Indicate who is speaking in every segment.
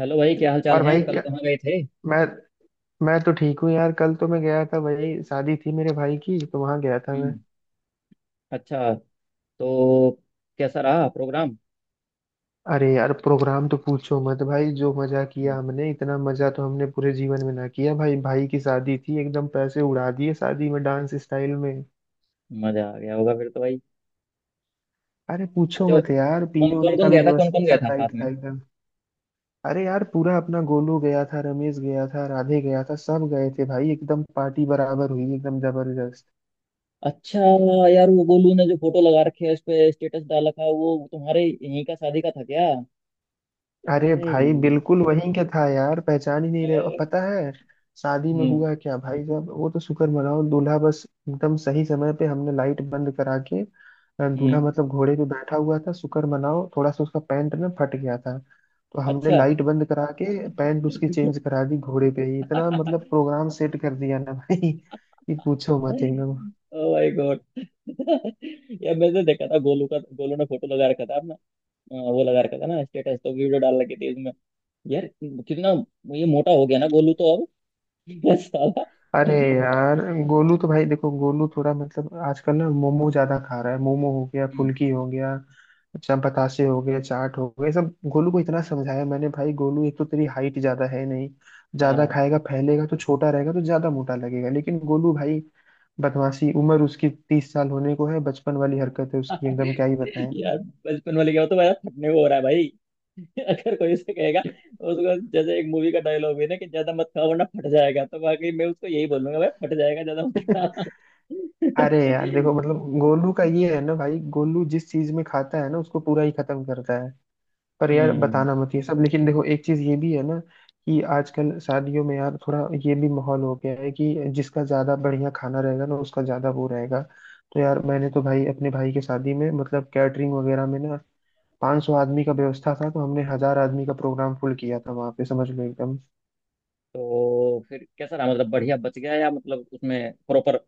Speaker 1: Hello भाई, क्या हाल चाल
Speaker 2: और
Speaker 1: है?
Speaker 2: भाई
Speaker 1: कल
Speaker 2: क्या
Speaker 1: कहाँ गए थे?
Speaker 2: मैं मैं तो ठीक हूँ यार। कल तो मैं गया था भाई, शादी थी मेरे भाई की, तो वहां गया था मैं।
Speaker 1: हम्म। अच्छा। तो कैसा रहा प्रोग्राम?
Speaker 2: अरे यार प्रोग्राम तो पूछो मत भाई, जो मजा
Speaker 1: हम्म,
Speaker 2: किया हमने इतना मजा तो हमने पूरे जीवन में ना किया। भाई भाई की शादी थी, एकदम पैसे उड़ा दिए शादी में डांस स्टाइल में।
Speaker 1: मजा आ गया होगा फिर तो, भाई।
Speaker 2: अरे पूछो
Speaker 1: अच्छा,
Speaker 2: मत यार,
Speaker 1: कौन
Speaker 2: पीने
Speaker 1: कौन
Speaker 2: उने का
Speaker 1: कौन
Speaker 2: भी
Speaker 1: गया था कौन कौन गया
Speaker 2: व्यवस्था
Speaker 1: था
Speaker 2: टाइट
Speaker 1: साथ में?
Speaker 2: था एकदम। अरे यार पूरा अपना गोलू गया था, रमेश गया था, राधे गया था, सब गए थे भाई, एकदम पार्टी बराबर हुई एकदम जबरदस्त।
Speaker 1: अच्छा, यार वो गोलू ने जो फोटो लगा रखी है, उस पे स्टेटस डाल रखा है, वो तुम्हारे यहीं का शादी का था क्या?
Speaker 2: अरे
Speaker 1: अरे
Speaker 2: भाई
Speaker 1: यार।
Speaker 2: बिल्कुल वही, क्या था यार, पहचान ही
Speaker 1: अ,
Speaker 2: नहीं रहे। और पता है शादी में
Speaker 1: हम्म।
Speaker 2: हुआ क्या भाई साहब, वो तो शुक्र मनाओ, दूल्हा बस एकदम सही समय पे हमने लाइट बंद करा के दूल्हा
Speaker 1: हम्म।
Speaker 2: मतलब घोड़े पे बैठा हुआ था, शुक्र मनाओ थोड़ा सा उसका पैंट ना फट गया था। तो हमने
Speaker 1: अच्छा।
Speaker 2: लाइट बंद करा के पैंट उसकी चेंज करा दी घोड़े पे ही, इतना मतलब प्रोग्राम सेट कर दिया ना भाई कि पूछो मत एकदम।
Speaker 1: Oh my God. यार, मैंने देखा था गोलू का, गोलू ने फोटो लगा रखा था अपना। वो लगा रखा था ना स्टेटस, तो वीडियो डाल रखी थी उसमें। यार कितना ये मोटा हो गया ना गोलू तो अब। साला।
Speaker 2: अरे
Speaker 1: हम्म,
Speaker 2: यार गोलू तो भाई देखो, गोलू थोड़ा मतलब आजकल ना मोमो ज्यादा खा रहा है, मोमो हो गया, फुल्की हो गया, अच्छा बतासे हो गए, चाट हो गए सब। गोलू को इतना समझाया मैंने भाई, गोलू एक तो तेरी हाइट ज्यादा है नहीं, ज्यादा
Speaker 1: हाँ।
Speaker 2: खाएगा फैलेगा तो छोटा रहेगा तो ज्यादा मोटा लगेगा, लेकिन गोलू भाई बदमाशी, उम्र उसकी 30 साल होने को है, बचपन वाली हरकत है उसकी एकदम, क्या ही बताएं।
Speaker 1: यार, बचपन वाले क्या होता है? मेरा थकने को हो रहा है, भाई। अगर कोई उसे कहेगा, उसको, जैसे एक मूवी का डायलॉग है ना कि ज्यादा मत खाओ वरना फट जाएगा, तो वाकई मैं उसको यही बोलूंगा, भाई फट जाएगा, ज्यादा मत खा।
Speaker 2: अरे यार देखो, मतलब गोलू का ये है ना भाई, गोलू जिस चीज में खाता है ना उसको पूरा ही खत्म करता है। पर यार
Speaker 1: हम्म।
Speaker 2: बताना मत ये सब। लेकिन देखो एक चीज ये भी है ना कि आजकल शादियों में यार थोड़ा ये भी माहौल हो गया है कि जिसका ज्यादा बढ़िया खाना रहेगा ना उसका ज्यादा वो रहेगा। तो यार मैंने तो भाई अपने भाई की शादी में मतलब कैटरिंग वगैरह में ना 500 आदमी का
Speaker 1: हम्म।
Speaker 2: व्यवस्था था, तो हमने 1,000 आदमी का प्रोग्राम फुल किया था वहां पे, समझ लो एकदम।
Speaker 1: तो फिर कैसा रहा? मतलब बढ़िया बच गया या मतलब उसमें प्रॉपर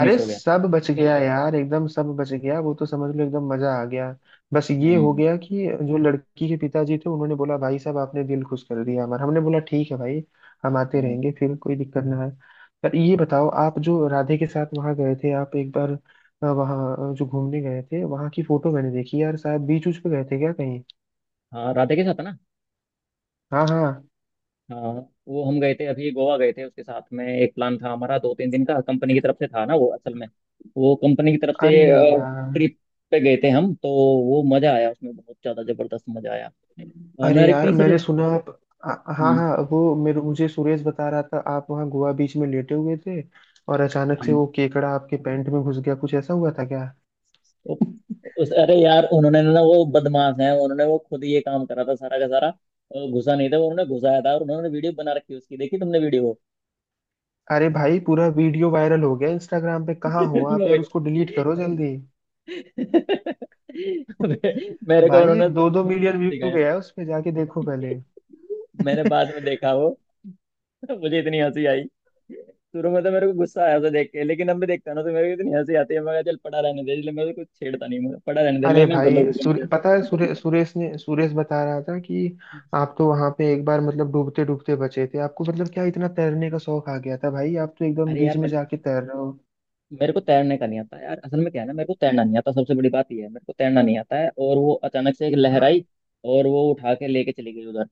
Speaker 2: अरे
Speaker 1: हो गया?
Speaker 2: सब बच गया यार, एकदम सब बच गया, वो तो समझ लो एकदम मजा आ गया। बस ये हो
Speaker 1: हम्म।
Speaker 2: गया कि जो लड़की के पिताजी थे उन्होंने बोला भाई साहब आपने दिल खुश कर दिया हमारा, हमने बोला ठीक है भाई, हम आते
Speaker 1: हम्म।
Speaker 2: रहेंगे, फिर कोई दिक्कत ना है। पर ये बताओ, आप जो राधे के साथ वहां गए थे, आप एक बार वहाँ जो घूमने गए थे, वहां की फोटो मैंने देखी यार, शायद बीच उच पे गए थे क्या कहीं।
Speaker 1: हाँ, राधे के साथ है ना।
Speaker 2: हाँ हाँ।
Speaker 1: हाँ। वो हम गए थे, अभी गोवा गए थे उसके साथ में। एक प्लान था हमारा 2-3 दिन का, कंपनी की तरफ से था ना वो असल में। वो कंपनी की तरफ से
Speaker 2: अरे यार।
Speaker 1: ट्रिप पे गए थे हम तो। वो मजा आया उसमें, बहुत ज्यादा जबरदस्त मजा आया।
Speaker 2: अरे
Speaker 1: मेरे
Speaker 2: यार
Speaker 1: कई सारे।
Speaker 2: मैंने सुना आप, हाँ
Speaker 1: हम्म,
Speaker 2: हाँ, वो मेरे मुझे सुरेश बता रहा था आप वहाँ गोवा बीच में लेटे हुए थे, और अचानक से
Speaker 1: हाँ।
Speaker 2: वो केकड़ा आपके पैंट में घुस गया, कुछ ऐसा हुआ था क्या।
Speaker 1: तो उस, अरे यार, उन्होंने ना, वो बदमाश है, उन्होंने वो खुद ये काम करा था सारा का सारा। घुसा नहीं था वो, उन्होंने घुसाया था, और उन्होंने वीडियो बना रखी उसकी। देखी तुमने वीडियो?
Speaker 2: अरे भाई पूरा वीडियो वायरल हो गया इंस्टाग्राम पे, कहाँ हो आप
Speaker 1: मैं
Speaker 2: यार,
Speaker 1: वही-
Speaker 2: उसको डिलीट करो जल्दी।
Speaker 1: मेरे को
Speaker 2: भाई
Speaker 1: उन्होंने,
Speaker 2: 2-2 million व्यू गया है उस पे, जाके देखो पहले।
Speaker 1: मैंने बाद में देखा वो। मुझे इतनी हंसी आई। शुरू में तो मेरे को गुस्सा आया उसे देख के, लेकिन अब मैं देखता हूं ना तो मेरे को इतनी हंसी आती है। मैं कहा, चल पड़ा रहने दे, इसलिए मैं कुछ छेड़ता नहीं, मुझे पड़ा रहने दे,
Speaker 2: अरे
Speaker 1: लेने दो
Speaker 2: भाई
Speaker 1: लोगों को मुझे।
Speaker 2: पता है सुरेश बता रहा था कि आप तो वहां पे एक बार मतलब डूबते डूबते बचे थे, आपको मतलब क्या इतना तैरने का शौक आ गया था भाई, आप तो एकदम
Speaker 1: अरे
Speaker 2: बीच
Speaker 1: यार,
Speaker 2: में
Speaker 1: मैं
Speaker 2: जाके तैर रहे हो।
Speaker 1: मेरे को तैरने का नहीं आता यार। असल में क्या है ना, मेरे को तैरना नहीं आता, सबसे बड़ी बात ये है, मेरे को तैरना नहीं आता है। और वो अचानक से एक लहर आई और वो उठा के लेके चली गई उधर।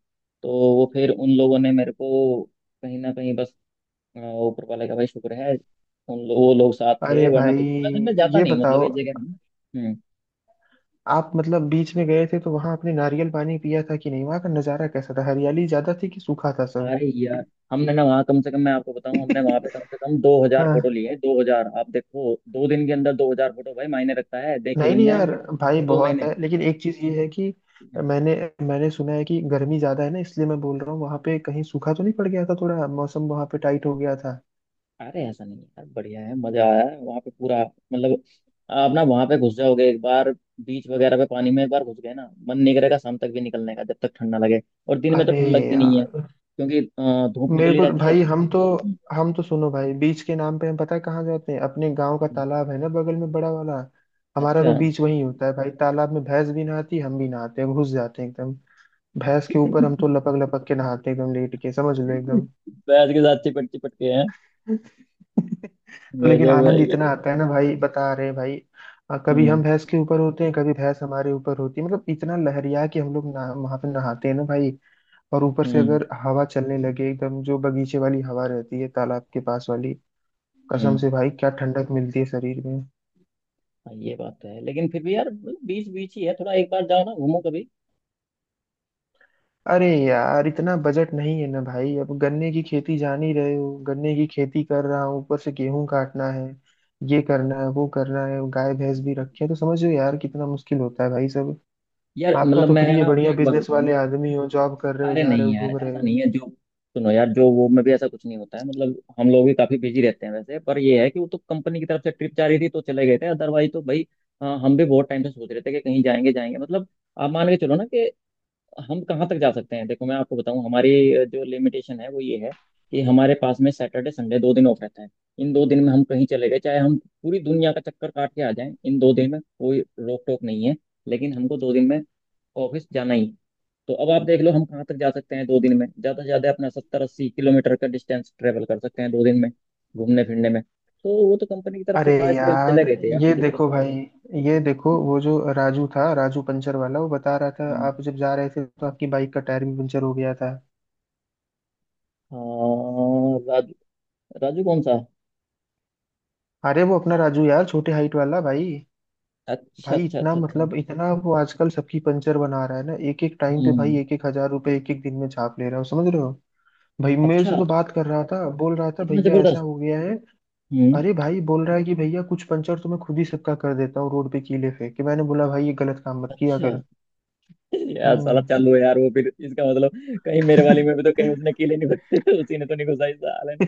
Speaker 1: तो वो फिर उन लोगों ने मेरे को कहीं ना कहीं बस, अ, ऊपर वाले का भाई शुक्र है। वो लोग साथ थे,
Speaker 2: अरे
Speaker 1: वरना
Speaker 2: भाई
Speaker 1: तो, अरे मैं जाता
Speaker 2: ये
Speaker 1: नहीं हूँ मतलब
Speaker 2: बताओ,
Speaker 1: इस जगह में ना। हम्म।
Speaker 2: आप मतलब बीच में गए थे तो वहां आपने नारियल पानी पिया था कि नहीं, वहां का नजारा कैसा था, हरियाली ज्यादा थी कि सूखा था सब।
Speaker 1: अरे यार, हमने ना वहाँ, कम से कम मैं आपको बताऊँ, हमने वहाँ पे कम से कम दो हजार
Speaker 2: हाँ।
Speaker 1: फोटो लिए हैं। 2,000! आप देखो 2 दिन के अंदर 2,000 फोटो, भाई मायने रखता है, देखे भी
Speaker 2: नहीं
Speaker 1: नहीं
Speaker 2: नहीं यार,
Speaker 1: जाएंगे।
Speaker 2: भाई
Speaker 1: दो
Speaker 2: बहुत
Speaker 1: महीने
Speaker 2: है, लेकिन एक चीज ये है कि मैंने मैंने सुना है कि गर्मी ज्यादा है ना, इसलिए मैं बोल रहा हूँ वहां पे कहीं सूखा तो नहीं पड़ गया था, थोड़ा मौसम वहां पे टाइट हो गया था।
Speaker 1: अरे ऐसा नहीं है यार, बढ़िया है, मजा आया है वहाँ पे पूरा। मतलब आप ना वहाँ पे घुस जाओगे एक बार, बीच वगैरह पे पानी में एक बार घुस गए ना, मन नहीं करेगा शाम तक भी निकलने का, जब तक ठंड ना लगे। और दिन में तो
Speaker 2: अरे
Speaker 1: ठंड लगती नहीं है
Speaker 2: यार
Speaker 1: क्योंकि धूप
Speaker 2: मेरे
Speaker 1: निकली
Speaker 2: को तो,
Speaker 1: रहती है।
Speaker 2: भाई हम तो, हम तो सुनो भाई, बीच के नाम पे हम पता है कहाँ जाते हैं, अपने गांव का
Speaker 1: हम्म,
Speaker 2: तालाब है ना बगल में बड़ा वाला, हमारा
Speaker 1: अच्छा।
Speaker 2: तो बीच वही होता है भाई। तालाब में भैंस भी नहाती, हम भी नहाते हैं, घुस जाते हैं एकदम भैंस के ऊपर, हम तो लपक लपक के नहाते हैं एकदम लेट के, समझ लो एकदम।
Speaker 1: बैद के साथ चिपट चिपट के हैं।
Speaker 2: तो लेकिन
Speaker 1: गजब
Speaker 2: आनंद
Speaker 1: भाई
Speaker 2: इतना
Speaker 1: गजब।
Speaker 2: आता है ना भाई, बता रहे हैं भाई। कभी
Speaker 1: हम्म।
Speaker 2: हम भैंस के ऊपर होते हैं, कभी भैंस हमारे ऊपर होती है, मतलब इतना लहरिया कि हम लोग ना वहां पे नहाते हैं ना भाई। और ऊपर से
Speaker 1: हम्म।
Speaker 2: अगर हवा चलने लगे एकदम, जो बगीचे वाली हवा रहती है तालाब के पास वाली, कसम
Speaker 1: हम्म।
Speaker 2: से भाई क्या ठंडक मिलती है शरीर में।
Speaker 1: हाँ, ये बात तो है, लेकिन फिर भी यार बीच बीच ही है। थोड़ा एक बार जाओ ना, घूमो कभी।
Speaker 2: अरे यार इतना बजट नहीं है ना भाई, अब गन्ने की खेती जान ही रहे हो, गन्ने की खेती कर रहा हूँ, ऊपर से गेहूं काटना है, ये करना है, वो करना है, गाय भैंस भी रखी है, तो समझ लो यार कितना मुश्किल होता है भाई सब।
Speaker 1: यार
Speaker 2: आपका
Speaker 1: मतलब
Speaker 2: तो
Speaker 1: मैं
Speaker 2: फ्री है,
Speaker 1: ना आपको
Speaker 2: बढ़िया
Speaker 1: एक बार
Speaker 2: बिजनेस
Speaker 1: बताऊं।
Speaker 2: वाले आदमी हो, जॉब कर रहे हो,
Speaker 1: अरे
Speaker 2: जा रहे
Speaker 1: नहीं
Speaker 2: हो,
Speaker 1: यार,
Speaker 2: घूम रहे
Speaker 1: ऐसा
Speaker 2: हो।
Speaker 1: नहीं है जो, सुनो यार, जो वो में भी ऐसा कुछ नहीं होता है, मतलब हम लोग भी काफी बिजी रहते हैं वैसे। पर ये है कि वो तो कंपनी की तरफ से ट्रिप जा रही थी तो चले गए थे, अदरवाइज तो भाई, हाँ, हम भी बहुत टाइम से सोच रहे थे कि कहीं जाएंगे जाएंगे। मतलब आप मान के चलो ना कि हम कहाँ तक जा सकते हैं। देखो मैं आपको बताऊं, हमारी जो लिमिटेशन है वो ये है कि हमारे पास में सैटरडे संडे 2 दिन ऑफ रहता है। इन 2 दिन में हम कहीं चले गए, चाहे हम पूरी दुनिया का चक्कर काट के आ जाएं, इन दो दिन में कोई रोक टोक नहीं है, लेकिन हमको 2 दिन में ऑफिस जाना ही है। तो अब आप देख लो हम कहाँ तक जा सकते हैं 2 दिन में। ज़्यादा से ज़्यादा अपना 70-80 किलोमीटर का डिस्टेंस ट्रेवल कर सकते हैं 2 दिन में घूमने फिरने में। तो वो तो कंपनी की तरफ से
Speaker 2: अरे
Speaker 1: था, इसलिए हम
Speaker 2: यार
Speaker 1: चले गए थे यार,
Speaker 2: ये
Speaker 1: दिक्कत।
Speaker 2: देखो भाई, ये देखो वो जो राजू था, राजू पंचर वाला, वो बता रहा था
Speaker 1: हम्म।
Speaker 2: आप जब जा रहे थे तो आपकी बाइक का टायर भी पंचर हो गया था।
Speaker 1: हाँ राजू। राजू कौन सा?
Speaker 2: अरे वो अपना राजू यार, छोटे हाइट वाला भाई।
Speaker 1: अच्छा
Speaker 2: भाई
Speaker 1: अच्छा
Speaker 2: इतना
Speaker 1: अच्छा अच्छा।
Speaker 2: मतलब, इतना वो आजकल सबकी पंचर बना रहा है ना, एक एक टाइम पे भाई,
Speaker 1: हम्म।
Speaker 2: एक एक हजार रुपए एक एक दिन में छाप ले रहा हूँ, समझ रहे हो। भाई मेरे से
Speaker 1: अच्छा,
Speaker 2: तो बात कर रहा था, बोल रहा था
Speaker 1: इतना
Speaker 2: भैया ऐसा
Speaker 1: जबरदस्त!
Speaker 2: हो गया है।
Speaker 1: हम्म।
Speaker 2: अरे भाई बोल रहा है कि भैया कुछ पंचर तो मैं खुद ही सबका कर देता हूँ रोड पे कीले फेंक के, मैंने बोला भाई ये गलत काम मत किया
Speaker 1: अच्छा,
Speaker 2: कर।
Speaker 1: यार साला
Speaker 2: हम्म।
Speaker 1: चालू है यार वो। फिर इसका मतलब कहीं मेरे वाली में भी तो कहीं उसने कील ही नहीं उसी ने तो नहीं घुसाई साले ने?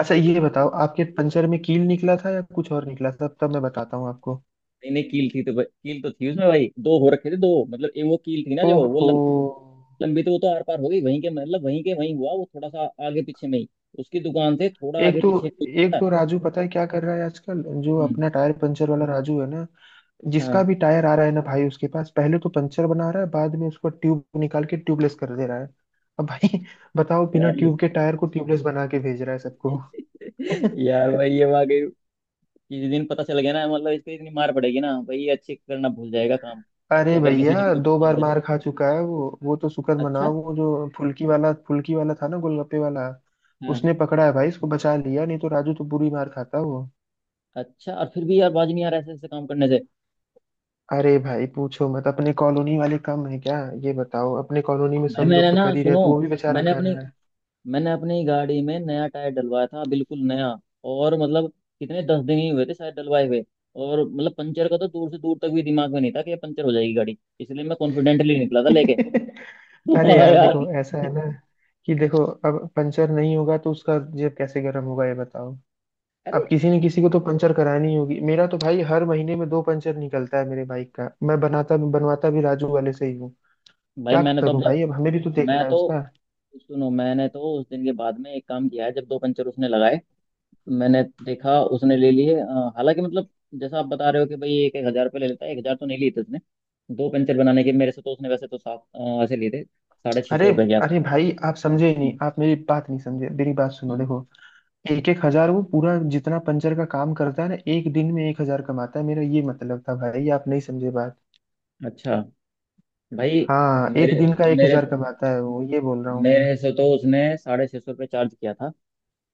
Speaker 2: अच्छा ये बताओ, आपके पंचर में कील निकला था या कुछ और निकला था, तब मैं बताता हूँ आपको।
Speaker 1: नहीं नहीं, कील थी तो भाई, कील तो थी उसमें भाई। दो हो रखे थे, दो, मतलब एक वो कील थी ना जो वो
Speaker 2: ओहो।
Speaker 1: लंबी, तो वो तो आर पार हो गई वहीं के, मतलब वहीं हुआ वो, थोड़ा सा आगे पीछे में ही, उसकी दुकान से थोड़ा
Speaker 2: एक
Speaker 1: आगे
Speaker 2: तो
Speaker 1: पीछे में ही
Speaker 2: एक
Speaker 1: था।
Speaker 2: तो राजू पता है क्या कर रहा है आजकल, जो
Speaker 1: हम्म।
Speaker 2: अपना टायर पंचर वाला राजू है ना, जिसका
Speaker 1: हाँ
Speaker 2: भी टायर आ रहा है ना भाई उसके पास, पहले तो पंचर बना रहा है, बाद में उसको ट्यूब निकाल के ट्यूबलेस कर दे रहा है। अब भाई बताओ, बिना
Speaker 1: यार
Speaker 2: ट्यूब के टायर को ट्यूबलेस बना के भेज रहा है सबको।
Speaker 1: यार भाई, ये वाकई किसी दिन पता चल गया ना, मतलब इसको इतनी मार पड़ेगी ना भाई, ये अच्छे करना भूल जाएगा काम।
Speaker 2: अरे
Speaker 1: अगर किसी ने
Speaker 2: भैया
Speaker 1: इसको पता
Speaker 2: दो
Speaker 1: चल
Speaker 2: बार
Speaker 1: गया तो।
Speaker 2: मार खा चुका है वो तो शुक्र
Speaker 1: अच्छा।
Speaker 2: मनाओ वो जो फुल्की वाला, फुल्की वाला था ना गोलगप्पे वाला,
Speaker 1: हाँ।
Speaker 2: उसने पकड़ा है भाई, इसको बचा लिया, नहीं तो राजू तो बुरी मार खाता वो।
Speaker 1: अच्छा, और फिर भी यार बाज नहीं आ रहा ऐसे ऐसे काम करने से?
Speaker 2: अरे भाई पूछो मत, अपने कॉलोनी वाले कम है क्या, ये बताओ, अपने कॉलोनी में
Speaker 1: भाई
Speaker 2: सब लोग
Speaker 1: मैंने
Speaker 2: तो
Speaker 1: ना,
Speaker 2: कर ही रहे
Speaker 1: सुनो,
Speaker 2: हैं, तो वो भी बेचारा
Speaker 1: मैंने
Speaker 2: कर
Speaker 1: अपनी,
Speaker 2: रहा
Speaker 1: मैंने अपनी गाड़ी में नया टायर डलवाया था, बिल्कुल नया। और मतलब कितने, 10 दिन ही हुए थे शायद डलवाए हुए। और मतलब पंचर का तो दूर से दूर तक भी दिमाग में नहीं था कि ये पंचर हो जाएगी गाड़ी, इसलिए मैं कॉन्फिडेंटली निकला था
Speaker 2: है।
Speaker 1: लेके।
Speaker 2: अरे
Speaker 1: वाह
Speaker 2: यार
Speaker 1: यार।
Speaker 2: देखो ऐसा है ना कि देखो, अब पंचर नहीं होगा तो उसका जेब कैसे गर्म होगा, ये बताओ।
Speaker 1: अरे
Speaker 2: अब किसी न किसी को तो पंचर करानी होगी, मेरा तो भाई हर महीने में दो पंचर निकलता है मेरे बाइक का, मैं बनाता भी बनवाता भी राजू वाले से ही हूँ,
Speaker 1: भाई,
Speaker 2: क्या
Speaker 1: मैंने तो, अब
Speaker 2: करूं
Speaker 1: जब,
Speaker 2: भाई, अब हमें भी तो देखना
Speaker 1: मैं
Speaker 2: है
Speaker 1: तो
Speaker 2: उसका।
Speaker 1: सुनो, मैंने तो उस दिन के बाद में एक काम किया है, जब 2 पंचर उसने लगाए, मैंने देखा, उसने ले लिए। हालांकि मतलब, जैसा आप बता रहे हो कि भाई 1,000-1,000 रुपये ले लेता है, 1,000 तो नहीं लिए थे उसने दो पेंसिल बनाने के मेरे से, तो उसने वैसे तो सात, ऐसे लिए थे, साढ़े छः
Speaker 2: अरे।
Speaker 1: सौ रुपये के
Speaker 2: अरे
Speaker 1: आसपास।
Speaker 2: भाई आप समझे ही नहीं,
Speaker 1: हम्म।
Speaker 2: आप मेरी बात नहीं समझे, मेरी बात सुनो,
Speaker 1: हम्म।
Speaker 2: देखो एक एक हजार वो पूरा जितना पंचर का काम करता है ना एक दिन में एक हजार कमाता है, मेरा ये मतलब था भाई, आप नहीं समझे बात।
Speaker 1: अच्छा भाई।
Speaker 2: हाँ एक
Speaker 1: मेरे
Speaker 2: दिन का एक
Speaker 1: मेरे
Speaker 2: हजार कमाता है वो, ये बोल रहा हूँ मैं।
Speaker 1: मेरे से तो उसने 650 रुपये चार्ज किया था,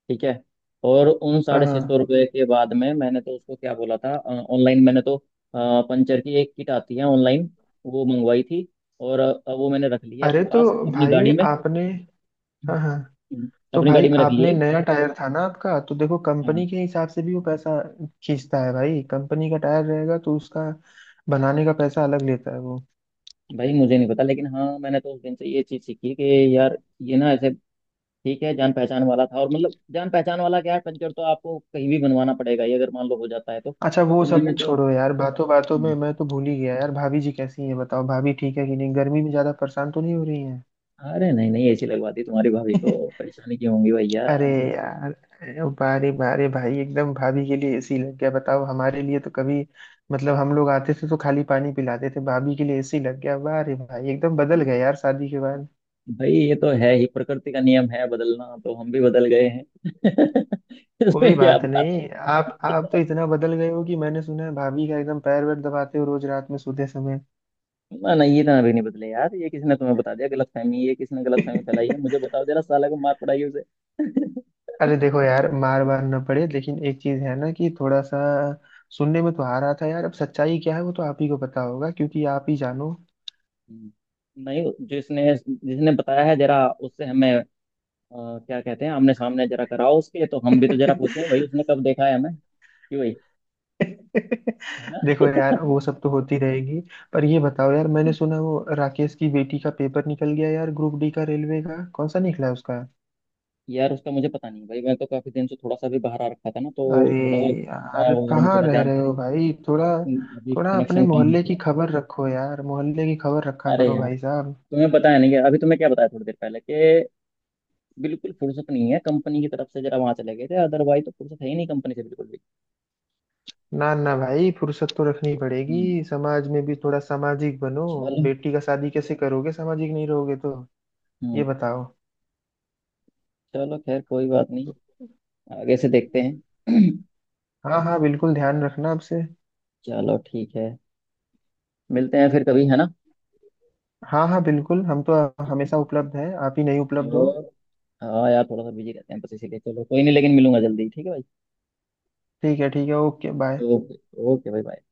Speaker 1: ठीक है। और उन
Speaker 2: हाँ
Speaker 1: साढ़े छः सौ
Speaker 2: हाँ।
Speaker 1: रुपये के बाद में मैंने तो उसको क्या बोला, था ऑनलाइन, मैंने तो, पंचर की एक किट आती है ऑनलाइन, वो मंगवाई थी, और वो मैंने रख ली है
Speaker 2: अरे
Speaker 1: अपने
Speaker 2: तो
Speaker 1: पास, अपनी
Speaker 2: भाई
Speaker 1: गाड़ी में।
Speaker 2: आपने, हाँ हाँ,
Speaker 1: हम्म,
Speaker 2: तो
Speaker 1: अपनी
Speaker 2: भाई
Speaker 1: गाड़ी में रख
Speaker 2: आपने
Speaker 1: लिए।
Speaker 2: नया टायर था ना आपका, तो देखो
Speaker 1: हाँ।
Speaker 2: कंपनी के हिसाब से भी वो पैसा खींचता है भाई, कंपनी का टायर रहेगा तो उसका बनाने का पैसा अलग लेता है वो।
Speaker 1: भाई मुझे नहीं पता, लेकिन हाँ, मैंने तो उस दिन से ये चीज़ सीखी कि यार ये ना ऐसे, ठीक है जान पहचान वाला था, और मतलब जान पहचान वाला क्या है? पंचर तो आपको कहीं भी बनवाना पड़ेगा, ये अगर मान लो हो जाता है तो
Speaker 2: अच्छा वो
Speaker 1: तो मैंने
Speaker 2: सब
Speaker 1: तो,
Speaker 2: छोड़ो यार, बातों बातों में
Speaker 1: हम्म,
Speaker 2: मैं तो भूल ही गया यार, भाभी जी कैसी हैं बताओ, भाभी ठीक है कि नहीं, गर्मी में ज्यादा परेशान तो नहीं हो रही हैं।
Speaker 1: अरे नहीं नहीं, ऐसी लगवा दी तुम्हारी भाभी को, परेशानी क्यों होंगी भैया?
Speaker 2: अरे यार बारे बारे भाई, एकदम भाभी के लिए एसी लग गया, बताओ, हमारे लिए तो कभी मतलब हम लोग आते थे तो खाली पानी पिलाते थे, भाभी के लिए एसी लग गया, बारे भाई, एकदम बदल गए यार शादी के बाद।
Speaker 1: भाई ये तो है ही, प्रकृति का नियम है बदलना, तो हम भी बदल गए हैं।
Speaker 2: कोई
Speaker 1: इसमें क्या?
Speaker 2: बात नहीं, आप आप तो इतना बदल गए हो कि मैंने सुना है भाभी का एकदम पैर वैर दबाते हो रोज रात में सोते समय।
Speaker 1: ना, नहीं ये ना भी नहीं बदले यार, ये किसी ने तुम्हें बता दिया गलतफहमी, ये किसी ने गलतफहमी फैलाई है, मुझे बताओ जरा साला को, मार पड़ाई उसे।
Speaker 2: अरे देखो यार, मार वार न पड़े, लेकिन एक चीज है ना कि थोड़ा सा सुनने में तो आ रहा था यार, अब सच्चाई क्या है वो तो आप ही को पता होगा, क्योंकि आप ही जानो।
Speaker 1: हम्म। नहीं, जिसने जिसने बताया है, जरा उससे हमें, क्या कहते हैं, आमने सामने जरा कराओ उसके, तो हम भी तो जरा पूछे भाई उसने कब देखा है हमें कि भाई, है ना?
Speaker 2: देखो यार वो सब तो होती रहेगी। पर ये बताओ यार, मैंने सुना वो राकेश की बेटी का पेपर निकल गया यार, ग्रुप D का रेलवे का, कौन सा निकला उसका।
Speaker 1: यार उसका मुझे पता नहीं भाई, मैं तो काफी दिन से थोड़ा सा भी बाहर आ रखा था ना, तो
Speaker 2: अरे
Speaker 1: थोड़ा सा
Speaker 2: यार
Speaker 1: गाँव वगैरह में
Speaker 2: कहाँ
Speaker 1: थोड़ा
Speaker 2: रह रहे
Speaker 1: जानकारी,
Speaker 2: हो भाई, थोड़ा
Speaker 1: अभी
Speaker 2: थोड़ा अपने
Speaker 1: कनेक्शन कम है
Speaker 2: मोहल्ले की
Speaker 1: थोड़ा।
Speaker 2: खबर रखो यार, मोहल्ले की खबर रखा
Speaker 1: अरे
Speaker 2: करो
Speaker 1: यार,
Speaker 2: भाई साहब।
Speaker 1: तुम्हें पता है नहीं अभी तुम्हें क्या बताया थोड़ी देर पहले कि बिल्कुल फुर्सत नहीं है, कंपनी की तरफ से जरा वहां चले गए थे, अदरवाइज तो फुर्सत है ही नहीं कंपनी से बिल्कुल भी।
Speaker 2: ना ना भाई फुर्सत तो रखनी पड़ेगी,
Speaker 1: हम्म,
Speaker 2: समाज में भी थोड़ा सामाजिक बनो,
Speaker 1: चलो।
Speaker 2: बेटी का शादी कैसे करोगे सामाजिक नहीं रहोगे तो, ये
Speaker 1: हम्म।
Speaker 2: बताओ।
Speaker 1: चलो, खैर कोई बात नहीं, आगे से देखते हैं।
Speaker 2: हाँ हाँ बिल्कुल ध्यान रखना आपसे।
Speaker 1: चलो ठीक है, मिलते हैं फिर कभी, है ना?
Speaker 2: हाँ हाँ बिल्कुल, हम तो हमेशा उपलब्ध हैं, आप ही नहीं उपलब्ध हो।
Speaker 1: और, हाँ यार, थोड़ा सा बिजी रहते हैं बस, इसीलिए, चलो कोई नहीं, लेकिन मिलूंगा जल्दी, ठीक है भाई।
Speaker 2: ठीक है ठीक है, ओके बाय।
Speaker 1: ओके। ओके भाई, बाय।